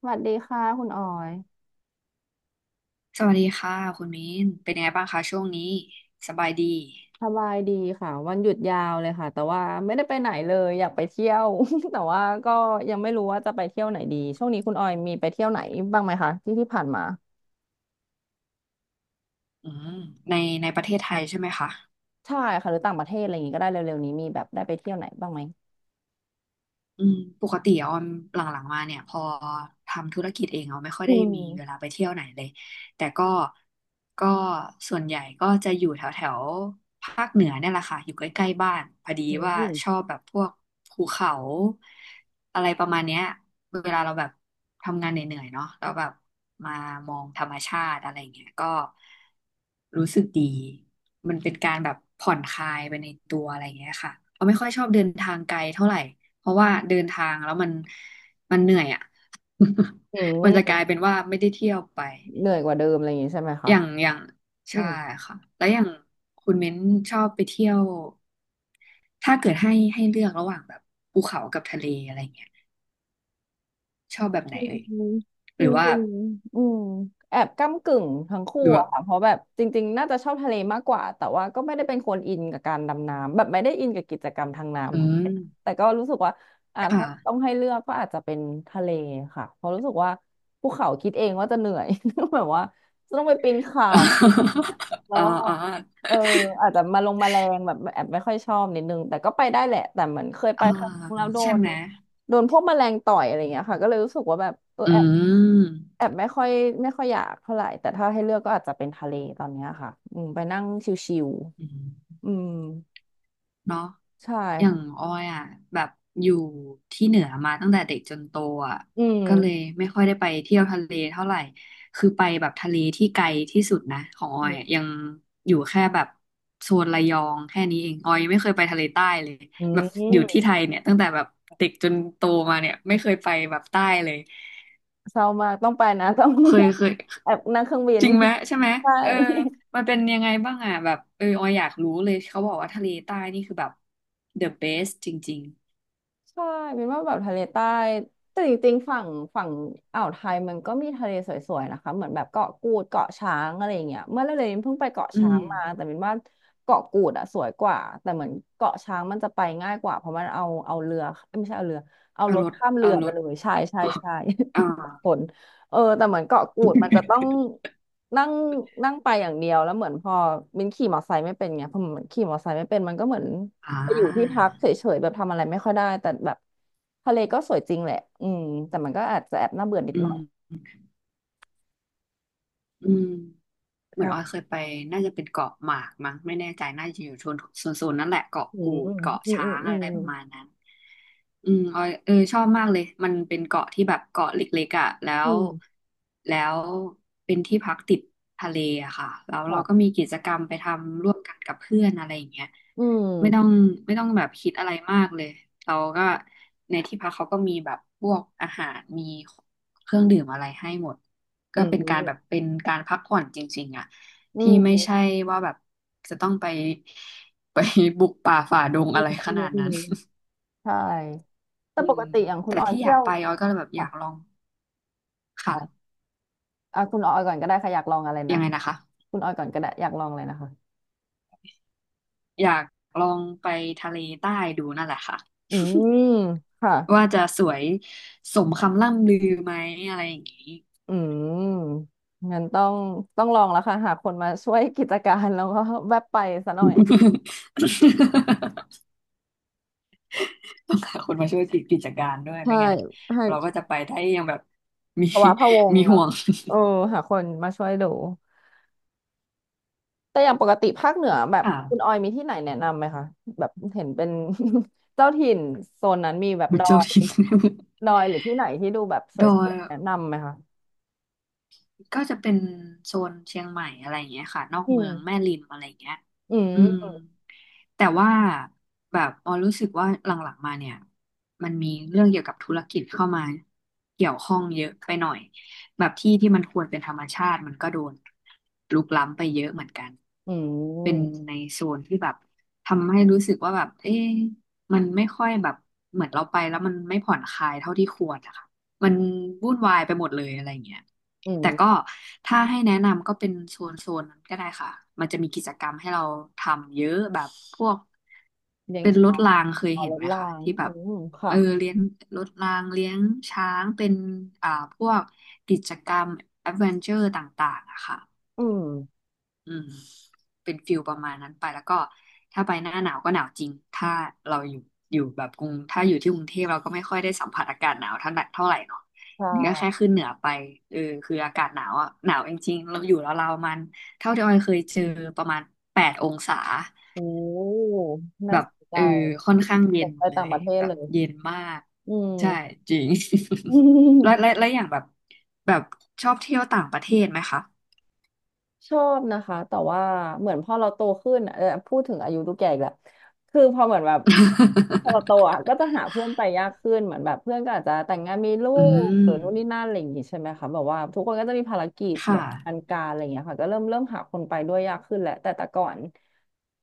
สวัสดีค่ะคุณออยสวัสดีค่ะคุณมิ้นเป็นยังไงบ้างคะช่วงนี้สบายดีสบายดีค่ะวันหยุดยาวเลยค่ะแต่ว่าไม่ได้ไปไหนเลยอยากไปเที่ยว แต่ว่าก็ยังไม่รู้ว่าจะไปเที่ยวไหนดีช่วงนี้คุณออยมีไปเที่ยวไหนบ้างไหมคะที่ที่ผ่านมาอืมในประเทศไทยใช่ไหมคะใช่ค่ะหรือต่างประเทศอะไรอย่างงี้ก็ได้เร็วๆนี้มีแบบได้ไปเที่ยวไหนบ้างไหมอืมปกติออมหลังๆมาเนี่ยพอทำธุรกิจเองออมไม่ค่อยอืได้มมีเวลาไปเที่ยวไหนเลยแต่ก็ก็ส่วนใหญ่ก็จะอยู่แถวแถวภาคเหนือเนี่ยแหละค่ะอยู่ใกล้ๆบ้านพอดีอืว่ามชอบแบบพวกภูเขาอะไรประมาณเนี้ยเวลาเราแบบทำงานเหนื่อยๆเนาะแล้วแบบมามองธรรมชาติอะไรอย่างเงี้ยก็ รู้สึกดี มันเป็นการแบบผ่อนคลายไปในตัวอะไรอย่างเงี้ยค่ะเราไม่ค่อยชอบเดินทางไกลเท่าไหร่เพราะว่าเดินทางแล้วมันเหนื่อยอ่ะ อื มันจะกลามยเป็นว่าไม่ได้เที่ยวไป เหนื่อยกว่าเดิมอะไรอย่างงี้ใช่ไหมคะอย่างอืใช่ม ค่ะแล้วอย่างคุณเม้นชอบไปเที่ยว ถ้าเกิดให้เลือกระหว่างแบบภูเขากับทะเลอะไรเงี้ยชอบแบบไหอืนเอ่ยมจหรือว่าริงๆแอบก้ำกึ่งทั้งคู่หรือว่าอะค่ะเพราะแบบจริงๆน่าจะชอบทะเลมากกว่าแต่ว่าก็ไม่ได้เป็นคนอินกับการดำน้ำแบบไม่ได้อินกับกิจกรรมทางน้ำอืเท่าไหมร่นะแต่ก็รู้สึกว่าถ้าค่ะ ต้องให้เลือกก็อาจจะเป็นทะเลค่ะเพราะรู้สึกว่าภูเขาคิดเองว่าจะเหนื่อย แบบว่าจะต้องไปปีนเขาอะไรอย่างเงี้ยแล้ วอ่าก็อ่าเอออาจจะมาลงมาแรงแบบแอบไม่ค่อยชอบนิดนึงแต่ก็ไปได้แหละแต่เหมือนเคยไปอ่าครั้งแล้วโดใช่น ไหม โดนพวกแมลงต่อยอะไรเงี้ยค่ะก็เลยรู้สึกว่าแบบเอออืแอบมแอบไม่ค่อยไม่ค่อยอยากเท่าไหร่แต่ถ้าให้เลือกก็อาจจะเป็นทะเลตอนเนี้ยค่ะอืมไปนั่งชิวอืมๆอืมเนาะใช่อย่างค่ะออยอ่ะแบบอยู่ที่เหนือมาตั้งแต่เด็กจนโตอ่ะอืก็เลยมไม่ค่อยได้ไปเที่ยวทะเลเท่าไหร่คือไปแบบทะเลที่ไกลที่สุดนะของออือยมอะยังอยู่แค่แบบโซนระยองแค่นี้เองออยยังไม่เคยไปทะเลใต้เลยอืแบบอยู่ที่มไทยเนี่ยตั้งแต่แบบเด็กจนโตมาเนี่ยไม่เคยไปแบบใต้เลยเศร้ามากต้องไปนะต้อง เคย แอบนั่งเครื่องบินจริงไหมใช่ไหมใช่ เออมันเป็นยังไงบ้างอ่ะแบบเออออยอยากรู้เลยเขาบอกว่าทะเลใต้นี่คือแบบ the best จริงใช่เป็นว่าแบบทะเลใต้แต่จริงๆฝั่งฝั่งอ่าวไทยมันก็มีทะเลสวยๆนะคะเหมือนแบบเกาะกูดเกาะช้างอะไรอย่างเงี้ยเมื่อเร็วๆนี้เพิ่งไปเกาะๆอืช้ามงมาแต่เป็นว่าเกาะกูดอะสวยกว่าแต่เหมือนเกาะช้างมันจะไปง่ายกว่าเพราะมันเอาเรือเอ้ยไม่ใช่เอาเรือเอาเอารถรถข้ามเรืเอาอรไปถ เลยใช่ใช่ใช่ อ่า ผลเออแต่เหมือนเกาะกูดมันจะต้องนั่งนั่งไปอย่างเดียวแล้วเหมือนพอมินขี่มอเตอร์ไซค์ไม่เป็นไงพอมินขี่มอเตอร์ไซค์ไม่เป็นมันก็เหมือน อ่ไปอยู่ที่พัากเฉยๆแบบทำอะไรไม่ค่อยได้แต่แบบทะเลก็สวยจริงแหละอืมแต่มันก็อาจจะแอบน่าเบื่อนิดอืหน่มอยอืม เหมือนออยใช่เคยไปน่าจะเป็นเกาะหมากมั้งไม่แน่ใจน่าจะอยู่โซนนั่นแหละเกาะอืกูมดเกาะอืมช้าอืมงอือะมไรประมาณนั้นอืมออยเออชอบมากเลยมันเป็นเกาะที่แบบเกาะเล็กๆอ่ะแล้วอืมแล้วเป็นที่พักติดทะเลอะค่ะแล้วเราก็ค่ะมีกิจกรรมไปทำร่วมกันกับเพื่อนอะไรอย่างเงี้ย อืไม่ต้องมไม่ต้องแบบคิดอะไรมากเลยเราก็ในที่พักเขาก็มีแบบพวกอาหารมีเครื่องดื่มอะไรให้หมดอืก็เป็นการแบบมเป็นการพักผ่อนจริงๆอ่ะอืที่ไม่มใช่ว่าแบบจะต้องไปไปบุกป่าฝ่าดงอะไรขอืมนาดอืนั้มนใช่แต่อืปมกติอย่างคุณแต่ออยที่อเที่ยายกวไปออยก็แบบอค่ะยากลองค่ะอ๋ออ่ะคุณออยก่อนก็ได้ค่ะอยากลองอะไรนะยังไงนะคะคุณออยก่อนก็ได้อยากลองอะไรนะคะอยากลองไปทะเลใต้ดูนั่นแหละค่ะอืมค่ะว่าจะสวยสมคำล่ำลือไหมอะไรอย่างนี้ อืมงั้นต้องต้องลองแล้วค่ะหาคนมาช่วยกิจการแล้วก็แวบไปซะหน่อย ต้องหาคนมาช่วยกิจการด้วยใช่ไม่งั้นให้ เราก็จะไปได้ยังแบบมี ภาวะพะวง มีเหรอห่วง เออหาคนมาช่วยดูแต่อย่างปกติภาคเหนือแบบ อ่าคุณออยมีที่ไหนแนะนำไหมคะแบบเห็นเป็น เจ้าถิ่นโซนนั้นมีแบบมุดอจายริน ดอยหรือที่ไหนที่ดูแบบสดอย วยๆแนะนำไหมคะก็จะเป็นโซนเชียงใหม่อะไรอย่างเงี้ยค่ะนอกอืเมืมองแม่ริมอะไรอย่างเงี้ยอือืมมแต่ว่าแบบออรู้สึกว่าหลังๆมาเนี่ยมันมีเรื่องเกี่ยวกับธุรกิจเข้ามาเกี่ยวข้องเยอะไปหน่อยแบบที่มันควรเป็นธรรมชาติมันก็โดนรุกล้ำไปเยอะเหมือนกันอืเป็นมในโซนที่แบบทำให้รู้สึกว่าแบบเอ๊ะมันไม่ค่อยแบบเหมือนเราไปแล้วมันไม่ผ่อนคลายเท่าที่ควรนะคะ มันวุ่นวายไปหมดเลยอะไรอย่างเงี้ยอืแต่มก็ถ้าให้แนะนำก็เป็นโซนนั้นก็ได้ค่ะ มันจะมีกิจกรรมให้เราทำเยอะแบบพวกเลี้ยงเป็นรถช้างรางเคยต่อเห็รนถไหมราคะงที่แบอืบมค่ะเออเลี้ยงรถรางเลี้ยงช้างเป็นอ่าพวกกิจกรรมแอดเวนเจอร์ต่างๆอะค่ะ อืมอืมเป็นฟิลประมาณนั้นไปแล้วก็ถ้าไปหน้าหนาวก็หนาวจริงถ้าเราอยู่แบบกรุงถ้าอยู่ที่กรุงเทพเราก็ไม่ค่อยได้สัมผัสอากาศหนาวเท่าไหร่เนาะค่นี่ก็แค่่ขึ้นเหนือไปเออคืออากาศหนาวอ่ะหนาวจริงๆเราอยู่แล้วเราวๆมันเท่าที่ออยเคยเจอประมาณ8 องศาโอ้แบน่าบสนใจเออค่อนข้างเย็สนนใจเลต่างยประเทศแบเลบยเย็นมากอืใช่ม จริง แล้ว และและอย่างแบบแบบชอบเที่ยวต่างประเทศไหมคะ ชอบนะคะแต่ว่าเหมือนพอเราโตขึ้นอะเออพูดถึงอายุทูกแก่อีกแล้วคือพอเหมือนแบบพอเราโตอ่ะก็จะหาเพื่อนไปยากขึ้นเหมือนแบบเพื่อนก็อาจจะแต่งงานมีลู อืกหม รือนู่นนี่นั่นอะไรอย่างงี้ใช่ไหมคะแบบว่าทุกคนก็จะมีภารกิจแบค่ะบอันการอะไรอย่างเงี้ยค่ะก็เริ่มเริ่มหาคนไปด้วยยากขึ้นแหละแต่แต่ก่อน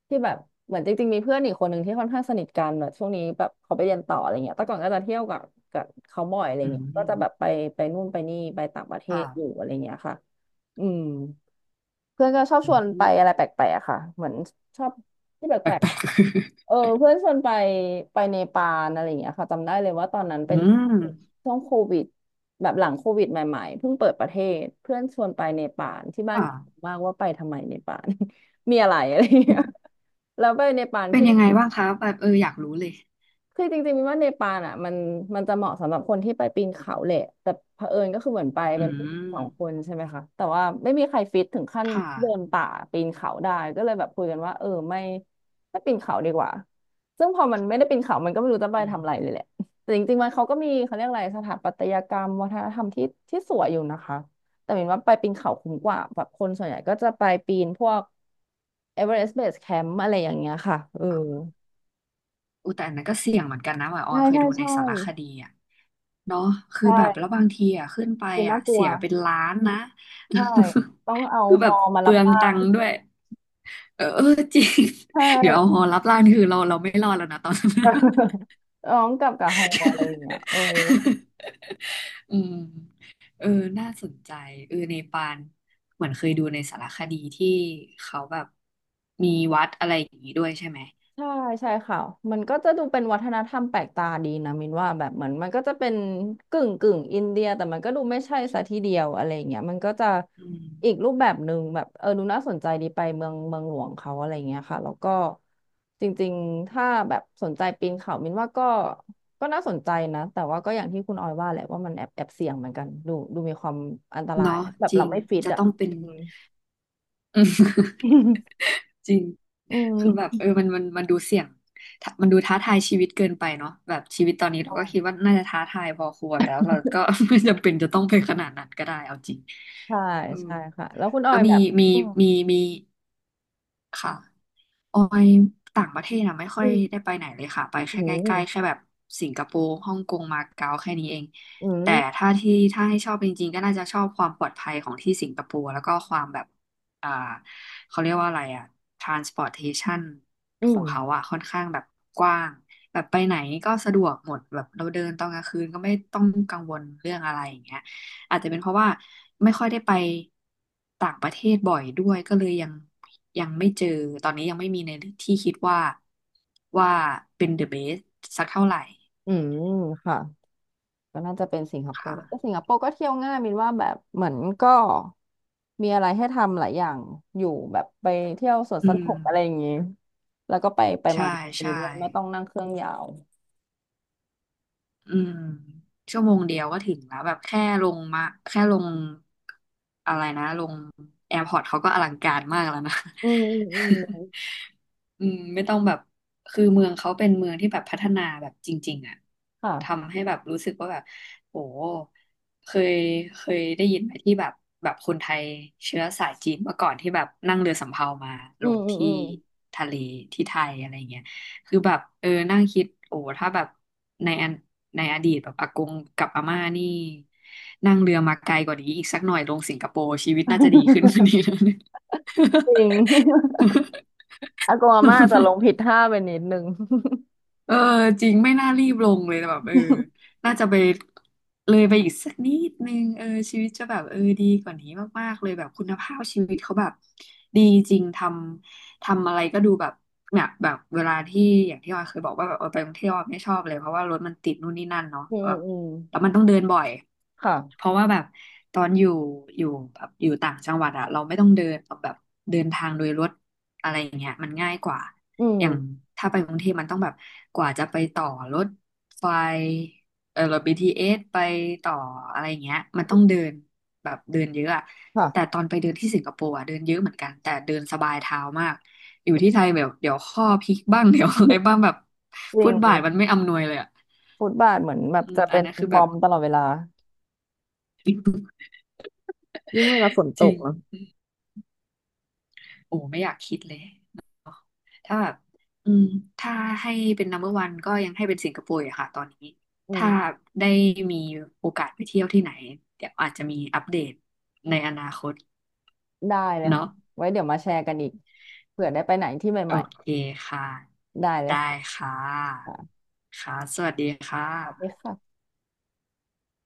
ที่แบบเหมือนจริงๆมีเพื่อนอีกคนหนึ่งที่ค่อนข้างสนิทกันแบบช่วงนี้แบบเขาไปเรียนต่ออะไรเงี้ยแต่ก่อนก็จะเที่ยวกับกับเขาบ่อยอะไรอืเงี้ยก็จะแบบมไปไปนู่นไปนี่ไปต่างประเทค่ะศอยู่อะไรเงี้ยค่ะอืม เพื่อนก็ชอบอืชวนไปมอะไรแปลกๆอะค่ะเหมือนชอบที่แปลกแปลกๆเออเพื่อนชวนไปไปเนปาลอะไรอย่างเงี้ยค่ะจำได้เลยว่าตอนนั้นๆ อืเป็นมช่วงโควิดแบบหลังโควิดใหม่ๆเพิ่งเปิดประเทศเพื่อนชวนไปเนปาลที่บ้านก็งงค่ะ มากว่าไปทำไมเนปาล มีอะไรอะไรอย่างเงี้ยแล้วไปเนปาลเป็นที่ ยังไงบ้างคะแบบเอออยากรู้เลยคือจริงๆมินว่าเนปาลอ่ะมันมันจะเหมาะสำหรับคนที่ไปปีนเขาแหละแต่เผอิญก็คือเหมือนไปอืเป็นผู้หญิงสมองคนใช่ไหมคะแต่ว่าไม่มีใครฟิตถึงขั้นค่ะเดินป่าปีนเขาได้ก็เลยแบบคุยกันว่าเออไม่ไม่ปีนเขาดีกว่าซึ่งพอมันไม่ได้ปีนเขา มันก็ไม่รู้จะไปอืมทำอะไรเลยแหละแต่จริงๆมันเขาก็มีเขาเรียกอะไรสถาปัตยกรรมวัฒนธรรมที่ที่สวยอยู่นะคะแต่มินว่าไปปีนเขาคุ้มกว่าแบบคนส่วนใหญ่ก็จะไปปีนพวกเอเวอเรสต์เบสแคมป์อะไรอย่างเงี้ยค่ะเอออุยแต่อันนั้นก็เสี่ยงเหมือนกันนะหมายออใช่ยเคยใช่ดูในใช่สารคดีอ่ะเนาะใชคือแบบแล้ว่ บางทีอ่ะขึ้นไปดูน่าอ่ะกลัวเสียเป็นล้านนะ ใช่ต้องเอา คือฮแบอบมาเปรัลืบองร่าตังงค์ด้วยเออจริง ใช เดี๋ยวเอา่ หอรับล้านคือเราไม่รอดแล้วนะตอนนั้น ร้องกลับกับฮออะไรอย่างเงี้ยเออ อืมเออน่าสนใจเออเนปาลเหมือนเคยดูในสารคดีที่เขาแบบมีวัดอะไรอย่างนี้ด้วยใช่ไหมใช่ใช่ค่ะมันก็จะดูเป็นวัฒนธรรมแปลกตาดีนะมินว่าแบบเหมือนมันก็จะเป็นกึ่งกึ่งอินเดียแต่มันก็ดูไม่ใช่ซะทีเดียวอะไรอย่างเงี้ยมันก็จะอืมอีกรูปแบบหนึ่งแบบเออดูน่าสนใจดีไปเมืองเมืองหลวงเขาอะไรเงี้ยค่ะแล้วก็จริงๆถ้าแบบสนใจปีนเขามินว่าก็ก็น่าสนใจนะแต่ว่าก็อย่างที่คุณออยว่าแหละว่ามันแอบแอบเสี่ยงเหมือนกันดูดูมีความอันตรายเนาะแบบจริเรางไม่ฟิตจะอ่ะต้องเป็น อืม อืม จริงอืคือแบบม มันดูเสี่ยงถ้ามันดูท้าทายชีวิตเกินไปเนาะแบบชีวิตตอนนี้เราก็คิดว่า น่าจะท้าทายพอควรแล้วเราก็ ไม่จำเป็นจะต้องไปขนาดนั้นก็ได้เอาจริงใช่อืม ใช่ค่ะแล้วคุณออแล้วยแบบมีอืม มีค่ะออยต่างประเทศอะไม่ค่ออืยได้มไปไหนเลยค่ะไปอืแค่ใกล้ๆแค่มแบบสิงคโปร์ฮ่องกงมาเก๊าแค่นี้เองอืแต่มถ้าที่ถ้าให้ชอบจริงๆก็น่าจะชอบความปลอดภัยของที่สิงคโปร์แล้วก็ความแบบอ่าเขาเรียกว่าอะไรอะ transportation อืขอมงเขาอะค่อนข้างแบบกว้างแบบไปไหนก็สะดวกหมดแบบเราเดินตอนกลางคืนก็ไม่ต้องกังวลเรื่องอะไรอย่างเงี้ย อาจจะเป็นเพราะว่าไม่ค่อยได้ไปต่างประเทศบ่อยด้วยก็เลยยังไม่เจอตอนนี้ยังไม่มีในที่คิดว่าว่าเป็น the best สักเท่าไหร่อืมค่ะก็น่าจะเป็นสิงคโปค่ะร์แต่สิงคโปร์ก็เที่ยวง่ายมินว่าแบบเหมือนก็มีอะไรให้ทำหลายอย่าง อยู่แบบไปเที่ยวสวนอืสมนุกอะไรอย่างงี้แล้วก็ไปไปใช่มาอยู่ใช่ด้วยไม่ต้องนั่งเครื่องยาวอืมชั่วโมงเดียวก็ถึงแล้วแบบแค่ลงมาแค่ลงอะไรนะลงแอร์พอร์ตเขาก็อลังการมากแล้วนะ อืมอืมอืม อืมไม่ต้องแบบคือเมืองเขาเป็นเมืองที่แบบพัฒนาแบบจริงๆอ่ะค่ะทำให้แบบรู้สึกว่าแบบโหเคยเคยได้ยินไหมที่แบบคนไทยเชื้อสายจีนเมื่อก่อนที่แบบนั่งเรือสำเภามาอืลม งอืมที่อืม ทะเลที่ไทยอะไรเงี้ยคือแบบนั่งคิดโอ้ถ้าแบบในอันในอดีตแบบอากงกับอาม่านี่นั่งเรือมาไกลกว่านี้อีกสักหน่อยลงสิงคโปร์ชีวิตน่าจะดีขึ้นกว่านี้แล้วเนี่ย จริง อากงอาม่าจะลง ผิดท่าไปนิดนึง เออจริงไม่น่ารีบลงเลยแบบเออ น่าจะไปเลยไปอีกสักนิดนึงเออชีวิตจะแบบเออดีกว่านี้มากๆเลยแบบคุณภาพชีวิตเขาแบบดีจริงทำอะไรก็ดูแบบเนี่ยแบบเวลาที่อย่างที่ออยเคยบอกว่าแบบเออไปท่องเที่ยวออยไม่ชอบเลยเพราะว่ารถมันติดนู่นนี่นั่นเนาะอืมแบบอืมอืมแล้วมันต้องเดินบ่อยเพค่ะ ราะว่าแบบตอนอยู่แบบอยู่ต่างจังหวัดอะเราไม่ต้องเดินแบบเดินทางโดยรถอะไรอย่างเงี้ยมันง่ายกว่า อือม ย่างถ้าไปกรุงเทพมันต้องแบบกว่าจะไปต่อรถไฟเออรถ BTS ไปต่ออะไรอย่างเงี้ยมันต้องเดินแบบเดินเยอะอะแต่ค่ะ ตอนไปเดินที่สิงคโปร์อะเดินเยอะเหมือนกันแต่เดินสบายเท้ามากอยู่ที่ไทยแบบเดี๋ยวข้อพลิกบ้าง เดี๋ยวอะไร บ้างแบบจริฟุง ตบาทมันไม่อำนวยเลยอะฟุตบาทเหมือนแบบอืมจะอัเป็นนนั้นคือมแบอบ มตลอดเวลา ยิ่งเวลาฝนตจริกง เนอะโอ้ไม่อยากคิดเลยเนาะถ้าแบบอืมถ้าให้เป็น number one ก็ยังให้เป็นสิงคโปร์อะค่ะตอนนี้อืถ้ามได้มีโอกาสไปเที่ยวที่ไหนเดี๋ยวอาจจะมีอัปเดตในอนาคตได้เลยเนาะค่ะไว้เดี๋ยวมาแชร์กันอีกเผื่อได้ไปไหนที่โอใหม่เคค่ะๆได้เลยได้ค่ะค่ะค่ะค่ะสวัสดีค่ะสวัสดีค่ะ